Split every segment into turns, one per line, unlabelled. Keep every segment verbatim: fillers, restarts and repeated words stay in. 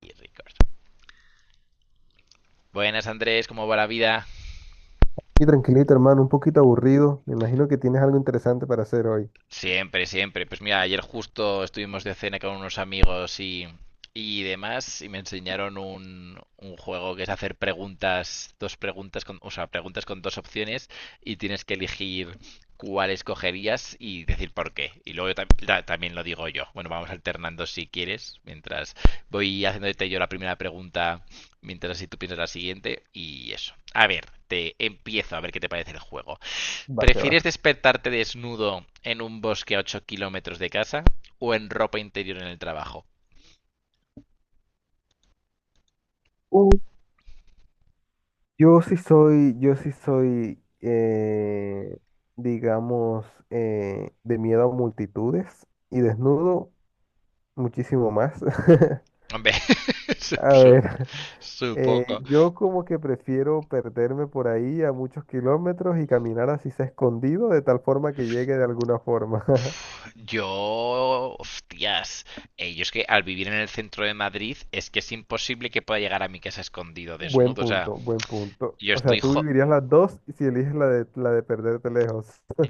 Y Record. Buenas Andrés, ¿cómo va la vida?
Y tranquilito, hermano, un poquito aburrido. Me imagino que tienes algo interesante para hacer hoy.
Siempre, siempre. Pues mira, ayer justo estuvimos de cena con unos amigos y, y demás y me enseñaron un, un juego que es hacer preguntas, dos preguntas con, o sea, preguntas con dos opciones y tienes que elegir cuál escogerías y decir por qué. Y luego yo tam- ta- también lo digo yo. Bueno, vamos alternando si quieres, mientras voy haciéndote yo la primera pregunta, mientras si tú piensas la siguiente y eso. A ver, te empiezo a ver qué te parece el juego.
Va que va.
¿Prefieres despertarte desnudo en un bosque a ocho kilómetros de casa o en ropa interior en el trabajo?
Uh, Yo sí soy, yo sí soy, eh, digamos, eh, de miedo a multitudes y desnudo muchísimo más.
Hombre, sup-
A
sup-
ver, eh,
supongo.
yo como que prefiero perderme por ahí a muchos kilómetros y caminar así sea escondido de tal forma que llegue de alguna forma.
Pf, Yo, hostias, eh, yo es que al vivir en el centro de Madrid es que es imposible que pueda llegar a mi casa escondido
Buen
desnudo. O sea,
punto, buen punto.
yo
O sea,
estoy,
tú
jo-
vivirías las dos y si eliges la de, la de perderte lejos.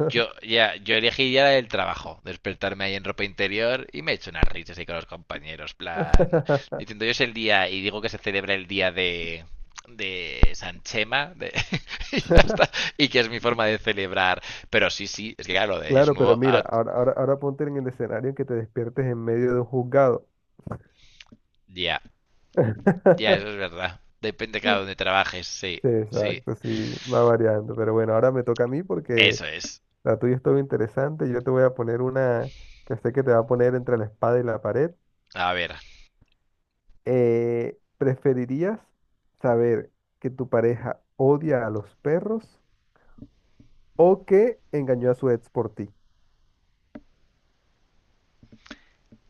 Yo, ya, yo elegiría la del trabajo, despertarme ahí en ropa interior y me echo unas risas ahí con los compañeros, plan, diciendo yo es el día, y digo que se celebra el día de, de San Chema, de, y ya está, y que es mi forma de celebrar, pero sí, sí, es que claro, lo de
Claro, pero
desnudo,
mira,
ah,
ahora, ahora, ahora ponte en el escenario en que te despiertes en medio de un juzgado.
ya, ya, eso es verdad, depende cada donde trabajes, sí,
Sí,
sí,
exacto, sí, va variando. Pero bueno, ahora me toca a mí porque
eso es,
la tuya estuvo interesante. Yo te voy a poner una que sé que te va a poner entre la espada y la pared.
a ver,
Eh, ¿preferirías saber que tu pareja odia a los perros o que engañó a su ex por ti?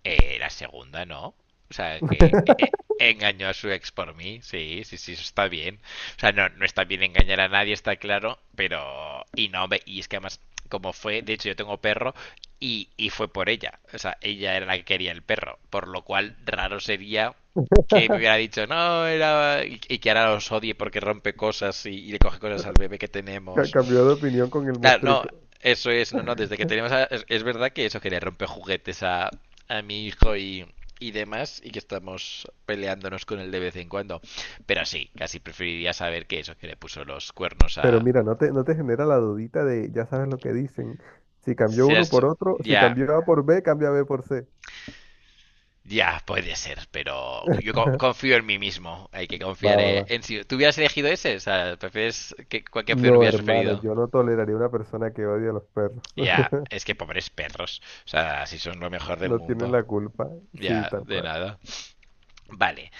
Eh, la segunda no. O sea, que eh, eh, engañó a su ex por mí. Sí, sí, sí, eso está bien. O sea, no, no está bien engañar a nadie, está claro. Pero. Y no, hombre, y es que además, como fue, de hecho, yo tengo perro y, y fue por ella. O sea, ella era la que quería el perro. Por lo cual, raro sería que me hubiera dicho, no, era. Y, y que ahora los odie porque rompe cosas y, y le coge cosas al bebé que
Ca-
tenemos.
Cambió de opinión con el
Claro, no,
mostrico.
eso es, no, no, desde que tenemos a- es, es verdad que eso que le rompe juguetes a, a mi hijo y, y demás, y que estamos peleándonos con él de vez en cuando. Pero sí, casi preferiría saber que eso que le puso los cuernos
Pero
a...
mira, no te, no te genera la dudita de, ya sabes lo que dicen. Si cambió
Será
uno por
eso-
otro, si
Ya,
cambió A por B, cambia B por C.
ya puede ser, pero yo co- confío en mí mismo. Hay que
Va,
confiar
va,
eh,
va.
en si... ¿Tú hubieras elegido ese? O sea, ¿prefieres que, cualquier opción
No,
hubieras
hermano,
preferido?
yo no toleraría una persona que odia a los perros.
Ya, es que pobres perros. O sea, si son lo mejor del
No tienen
mundo.
la culpa. Sí,
Ya,
tal
de
cual.
nada. Vale.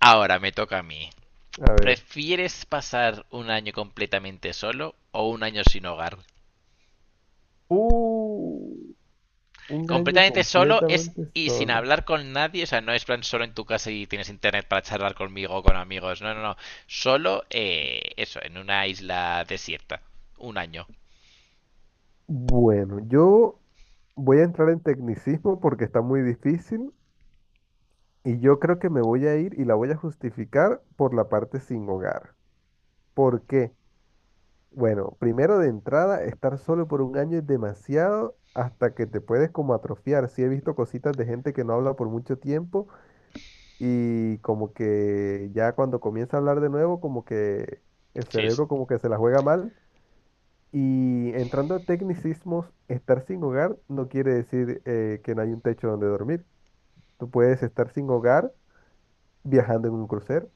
Ahora me toca a mí.
A ver.
¿Prefieres pasar un año completamente solo o un año sin hogar?
Uh, un año
Completamente solo es
completamente
y sin
solo.
hablar con nadie, o sea, no es plan solo en tu casa y tienes internet para charlar conmigo o con amigos, no, no, no. Solo eh, eso, en una isla desierta. Un año.
Bueno, yo voy a entrar en tecnicismo porque está muy difícil. Y yo creo que me voy a ir y la voy a justificar por la parte sin hogar. ¿Por qué? Bueno, primero de entrada, estar solo por un año es demasiado hasta que te puedes como atrofiar. Sí he visto cositas de gente que no habla por mucho tiempo y como que ya cuando comienza a hablar de nuevo, como que el
Sí, es.
cerebro como que se la juega mal. Y entrando a tecnicismos, estar sin hogar no quiere decir eh, que no hay un techo donde dormir. Tú puedes estar sin hogar viajando en un crucero.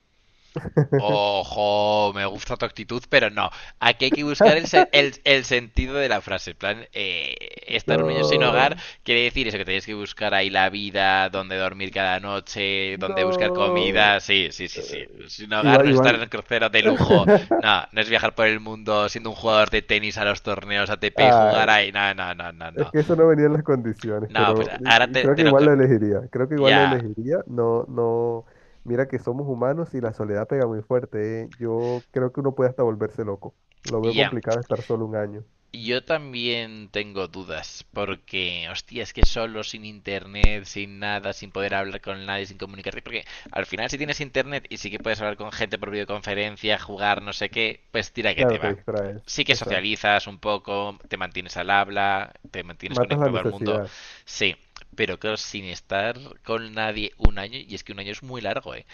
Ojo, me gusta tu actitud, pero no. Aquí hay que buscar el, se- el- el sentido de la frase. En plan, eh, estar un año sin hogar
No,
quiere decir eso, que tenéis que buscar ahí la vida, dónde dormir cada noche, dónde buscar
no.
comida. Sí, sí, sí, sí. Sin hogar
Igual,
no es estar en
igual.
un crucero de lujo. No, no es viajar por el mundo siendo un jugador de tenis a los torneos A T P y
Ay,
jugar ahí. No, no, no, no,
es
no.
que eso no venía en las condiciones,
No, pues
pero
ahora
y- y
te,
creo que
te lo...
igual
ca-
lo elegiría. Creo que igual lo
Ya,
elegiría. No, no. Mira que somos humanos y la soledad pega muy fuerte, ¿eh? Yo creo que uno puede hasta volverse loco. Lo veo
ya.
complicado estar solo un año.
Yo también tengo dudas, porque, hostia, es que solo, sin internet, sin nada, sin poder hablar con nadie, sin comunicarte, porque al final si tienes internet y sí que puedes hablar con gente por videoconferencia, jugar, no sé qué, pues tira que te
Claro, te
va.
distraes.
Sí que
Exacto.
socializas un poco, te mantienes al habla, te mantienes
Matas la
conectado al mundo,
necesidad.
sí, pero claro, sin estar con nadie un año, y es que un año es muy largo, ¿eh?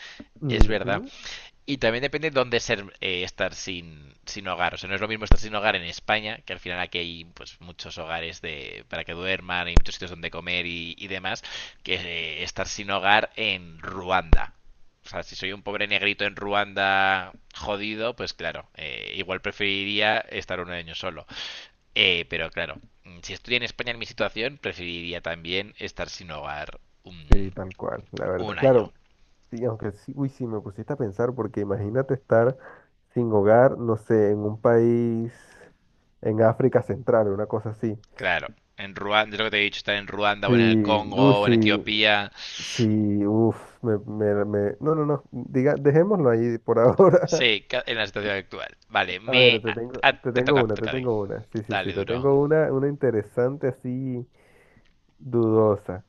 Es verdad.
Ujú.
Y también depende de dónde ser, eh, estar sin, sin hogar. O sea, no es lo mismo estar sin hogar en España, que al final aquí hay pues, muchos hogares de, para que duerman, hay muchos sitios donde comer y, y demás, que eh, estar sin hogar en Ruanda. O sea, si soy un pobre negrito en Ruanda jodido, pues claro, eh, igual preferiría estar un año solo. Eh, pero claro, mm, si estoy en España en mi situación, preferiría también estar sin hogar un,
Sí, tal cual, la verdad.
un año.
Claro, sí, aunque sí, uy, sí, me pusiste a pensar, porque imagínate estar sin hogar, no sé, en un país en África Central, una cosa así.
Claro, en Ruanda, es lo que te he dicho, estar en Ruanda
Sí,
o en el
uy,
Congo o
sí,
en Etiopía.
sí, uff, me, me, me- no, no, no, diga, dejémoslo ahí por ahora.
Sí, ca- en la situación actual. Vale,
A
me...
ver, te
a-
tengo,
a-
te
te
tengo
toca, te
una, te
toca a ti.
tengo una. Sí, sí, sí,
Dale,
te
duro.
tengo una, una interesante así dudosa.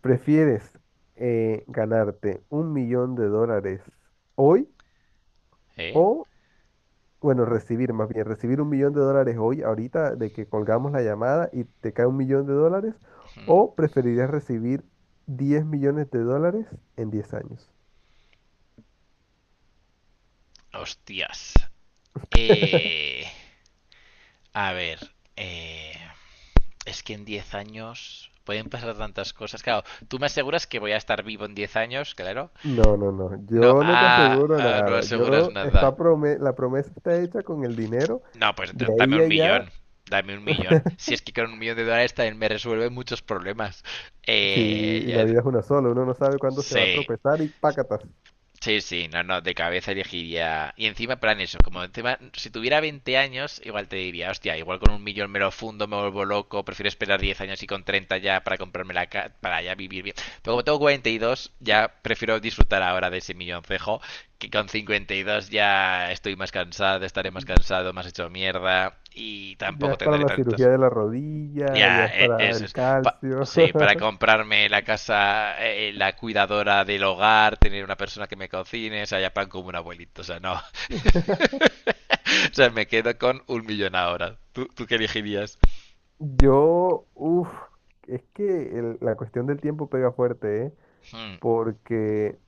¿Prefieres eh, ganarte un millón de dólares hoy?
¿Eh?
O bueno, recibir más bien, recibir un millón de dólares hoy, ahorita, de que colgamos la llamada y te cae un millón de dólares,
Ujú.
o preferirías recibir diez millones de dólares en diez años.
Hostias. Eh, a ver, eh, es que en diez años pueden pasar tantas cosas. Claro, tú me aseguras que voy a estar vivo en diez años, claro.
No, no, no,
No,
yo no te
ah,
aseguro
ah, no
nada.
aseguras
Yo,
nada.
está prome- la promesa está hecha con el dinero,
No, pues
de
entonces dame
ahí a
un
allá.
millón. Dame un millón. Si es que con un millón de dólares también me resuelve muchos problemas.
Sí, y la
Eh,
vida es una sola, uno no sabe cuándo se va a
sí,
tropezar y pácatas.
Sí, sí, no, no, de cabeza elegiría. Y encima, plan eso, como encima, si tuviera veinte años, igual te diría, hostia, igual con un millón me lo fundo, me vuelvo loco, prefiero esperar diez años y con treinta ya para comprarme la ca- para ya vivir bien. Pero como tengo cuarenta y dos, ya prefiero disfrutar ahora de ese milloncejo, que con cincuenta y dos ya estoy más cansado, estaré más cansado, más hecho mierda y
Ya
tampoco
es para
tendré
la cirugía
tantas
de la rodilla, ya
ya,
es
e-
para
eso
el
es. Pa-
calcio.
sí, para comprarme la casa, eh, eh, la cuidadora del hogar, tener una persona que me cocine, o sea, ya pan como un abuelito, o sea, no. O sea, me quedo con un millón ahora. ¿Tú, tú qué elegirías?
Yo, uff, es que el- la cuestión del tiempo pega fuerte, ¿eh?
Hmm,
Porque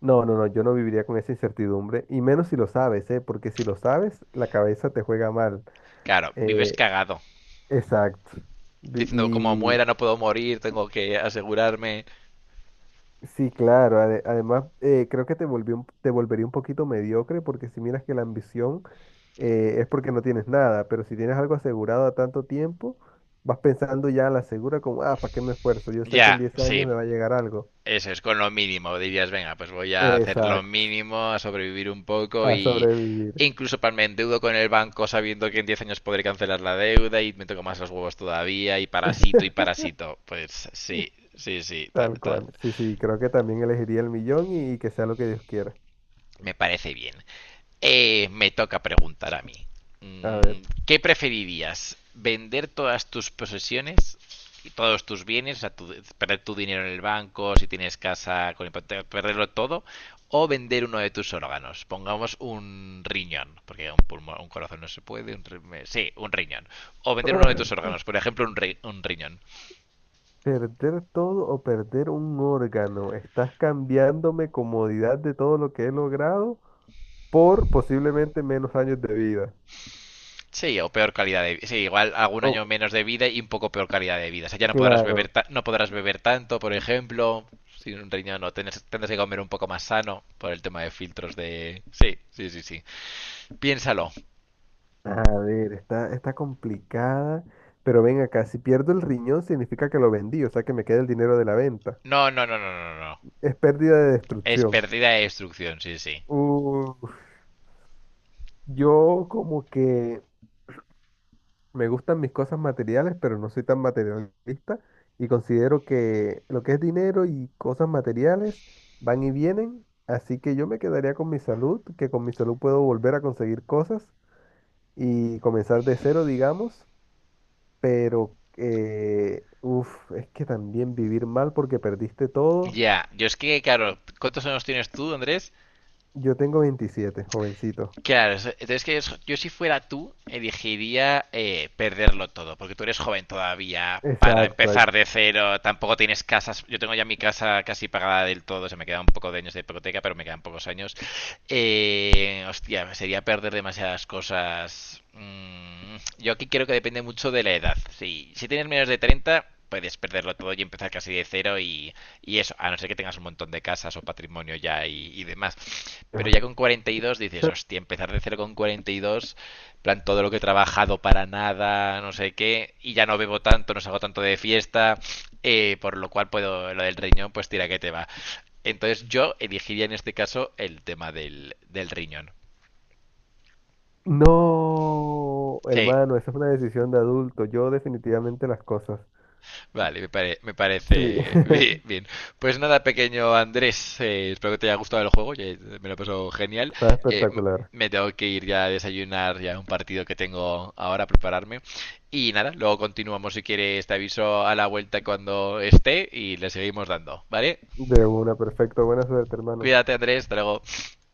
no, no, no, yo no viviría con esa incertidumbre, y menos si lo sabes, ¿eh? Porque si lo sabes, la cabeza te juega mal.
claro, vives
Eh,
cagado.
exacto. Vi-
Diciendo, como
Y
muera, no puedo morir, tengo que asegurarme.
sí, claro, ade- además eh, creo que te volvió un- te volvería un poquito mediocre, porque si miras que la ambición eh, es porque no tienes nada, pero si tienes algo asegurado a tanto tiempo, vas pensando ya a la segura como, ah, ¿para qué me esfuerzo? Yo sé que en
Ya,
diez
sí.
años me va a llegar algo.
Eso es, con lo mínimo, dirías, venga, pues voy a hacer lo
Exacto,
mínimo, a sobrevivir un poco
a
y
sobrevivir.
e incluso para me endeudo con el banco sabiendo que en diez años podré cancelar la deuda y me toco más los huevos todavía y parasito y parasito. Pues sí, sí, sí, ta-
Tal
ta-
cual. Sí, sí, creo que también elegiría el millón y que sea lo que Dios quiera.
me parece bien. Eh, me toca preguntar a mí.
A ver.
Mm, ¿qué preferirías? ¿Vender todas tus posesiones y todos tus bienes? O sea, tu- perder tu dinero en el banco, si tienes casa con hipoteca, perderlo todo. O vender uno de tus órganos. Pongamos un riñón, porque un pulmón, un corazón no se puede. un sí, un riñón. O vender uno de tus órganos, por ejemplo, un, ri- un riñón.
Perder todo o perder un órgano. Estás cambiándome comodidad de todo lo que he logrado por posiblemente menos años de vida.
Sí, o peor calidad de vida. Sí, igual algún año
Oh,
menos de vida y un poco peor calidad de vida. O sea, ya no podrás beber,
claro.
ta- no podrás beber tanto, por ejemplo. Sin un riñón, no tendrás, tendrás que comer un poco más sano por el tema de filtros de. Sí, sí, sí, sí. Piénsalo.
A ver, está, está complicada. Pero ven acá, si pierdo el riñón significa que lo vendí, o sea que me queda el dinero de la venta.
No, no, no, no, no, no.
Es pérdida de
Es
destrucción.
pérdida de instrucción sí, sí.
Uh, Yo como que me gustan mis cosas materiales, pero no soy tan materialista y considero que lo que es dinero y cosas materiales van y vienen, así que yo me quedaría con mi salud, que con mi salud puedo volver a conseguir cosas y comenzar de cero, digamos, pero eh, uf, es que también vivir mal porque perdiste todo.
Ya, yo es que, claro, ¿cuántos años tienes tú, Andrés?
Yo tengo veintisiete, jovencito.
Claro, es- entonces que es- yo si fuera tú, elegiría eh, perderlo todo, porque tú eres joven todavía, para
Exacto.
empezar de cero, tampoco tienes casas, yo tengo ya mi casa casi pagada del todo, se me quedan un poco de años de hipoteca, pero me quedan pocos años. Eh, hostia, sería perder demasiadas cosas. Mm, yo aquí creo que depende mucho de la edad. Si, si tienes menos de treinta puedes perderlo todo y empezar casi de cero y eso, a no ser que tengas un montón de casas o patrimonio ya y, y demás. Pero ya con cuarenta y dos dices, hostia, empezar de cero con cuarenta y dos, plan todo lo que he trabajado para nada, no sé qué, y ya no bebo tanto, no salgo tanto de fiesta, eh, por lo cual puedo, lo del riñón, pues tira que te va. Entonces yo elegiría en este caso el tema del, del riñón.
No,
Sí,
hermano, esa es una decisión de adulto. Yo definitivamente las cosas.
vale, me, pare- me
Sí,
parece bi- bien. Pues nada, pequeño Andrés, eh, espero que te haya gustado el juego, ya me lo pasó genial.
está
Eh, m-
espectacular.
me tengo que ir ya a desayunar, ya un partido que tengo ahora a prepararme. Y nada, luego continuamos si quieres, te aviso a la vuelta cuando esté y le seguimos dando, ¿vale?
De una, perfecto. Buena suerte, hermano.
Cuídate Andrés, hasta luego.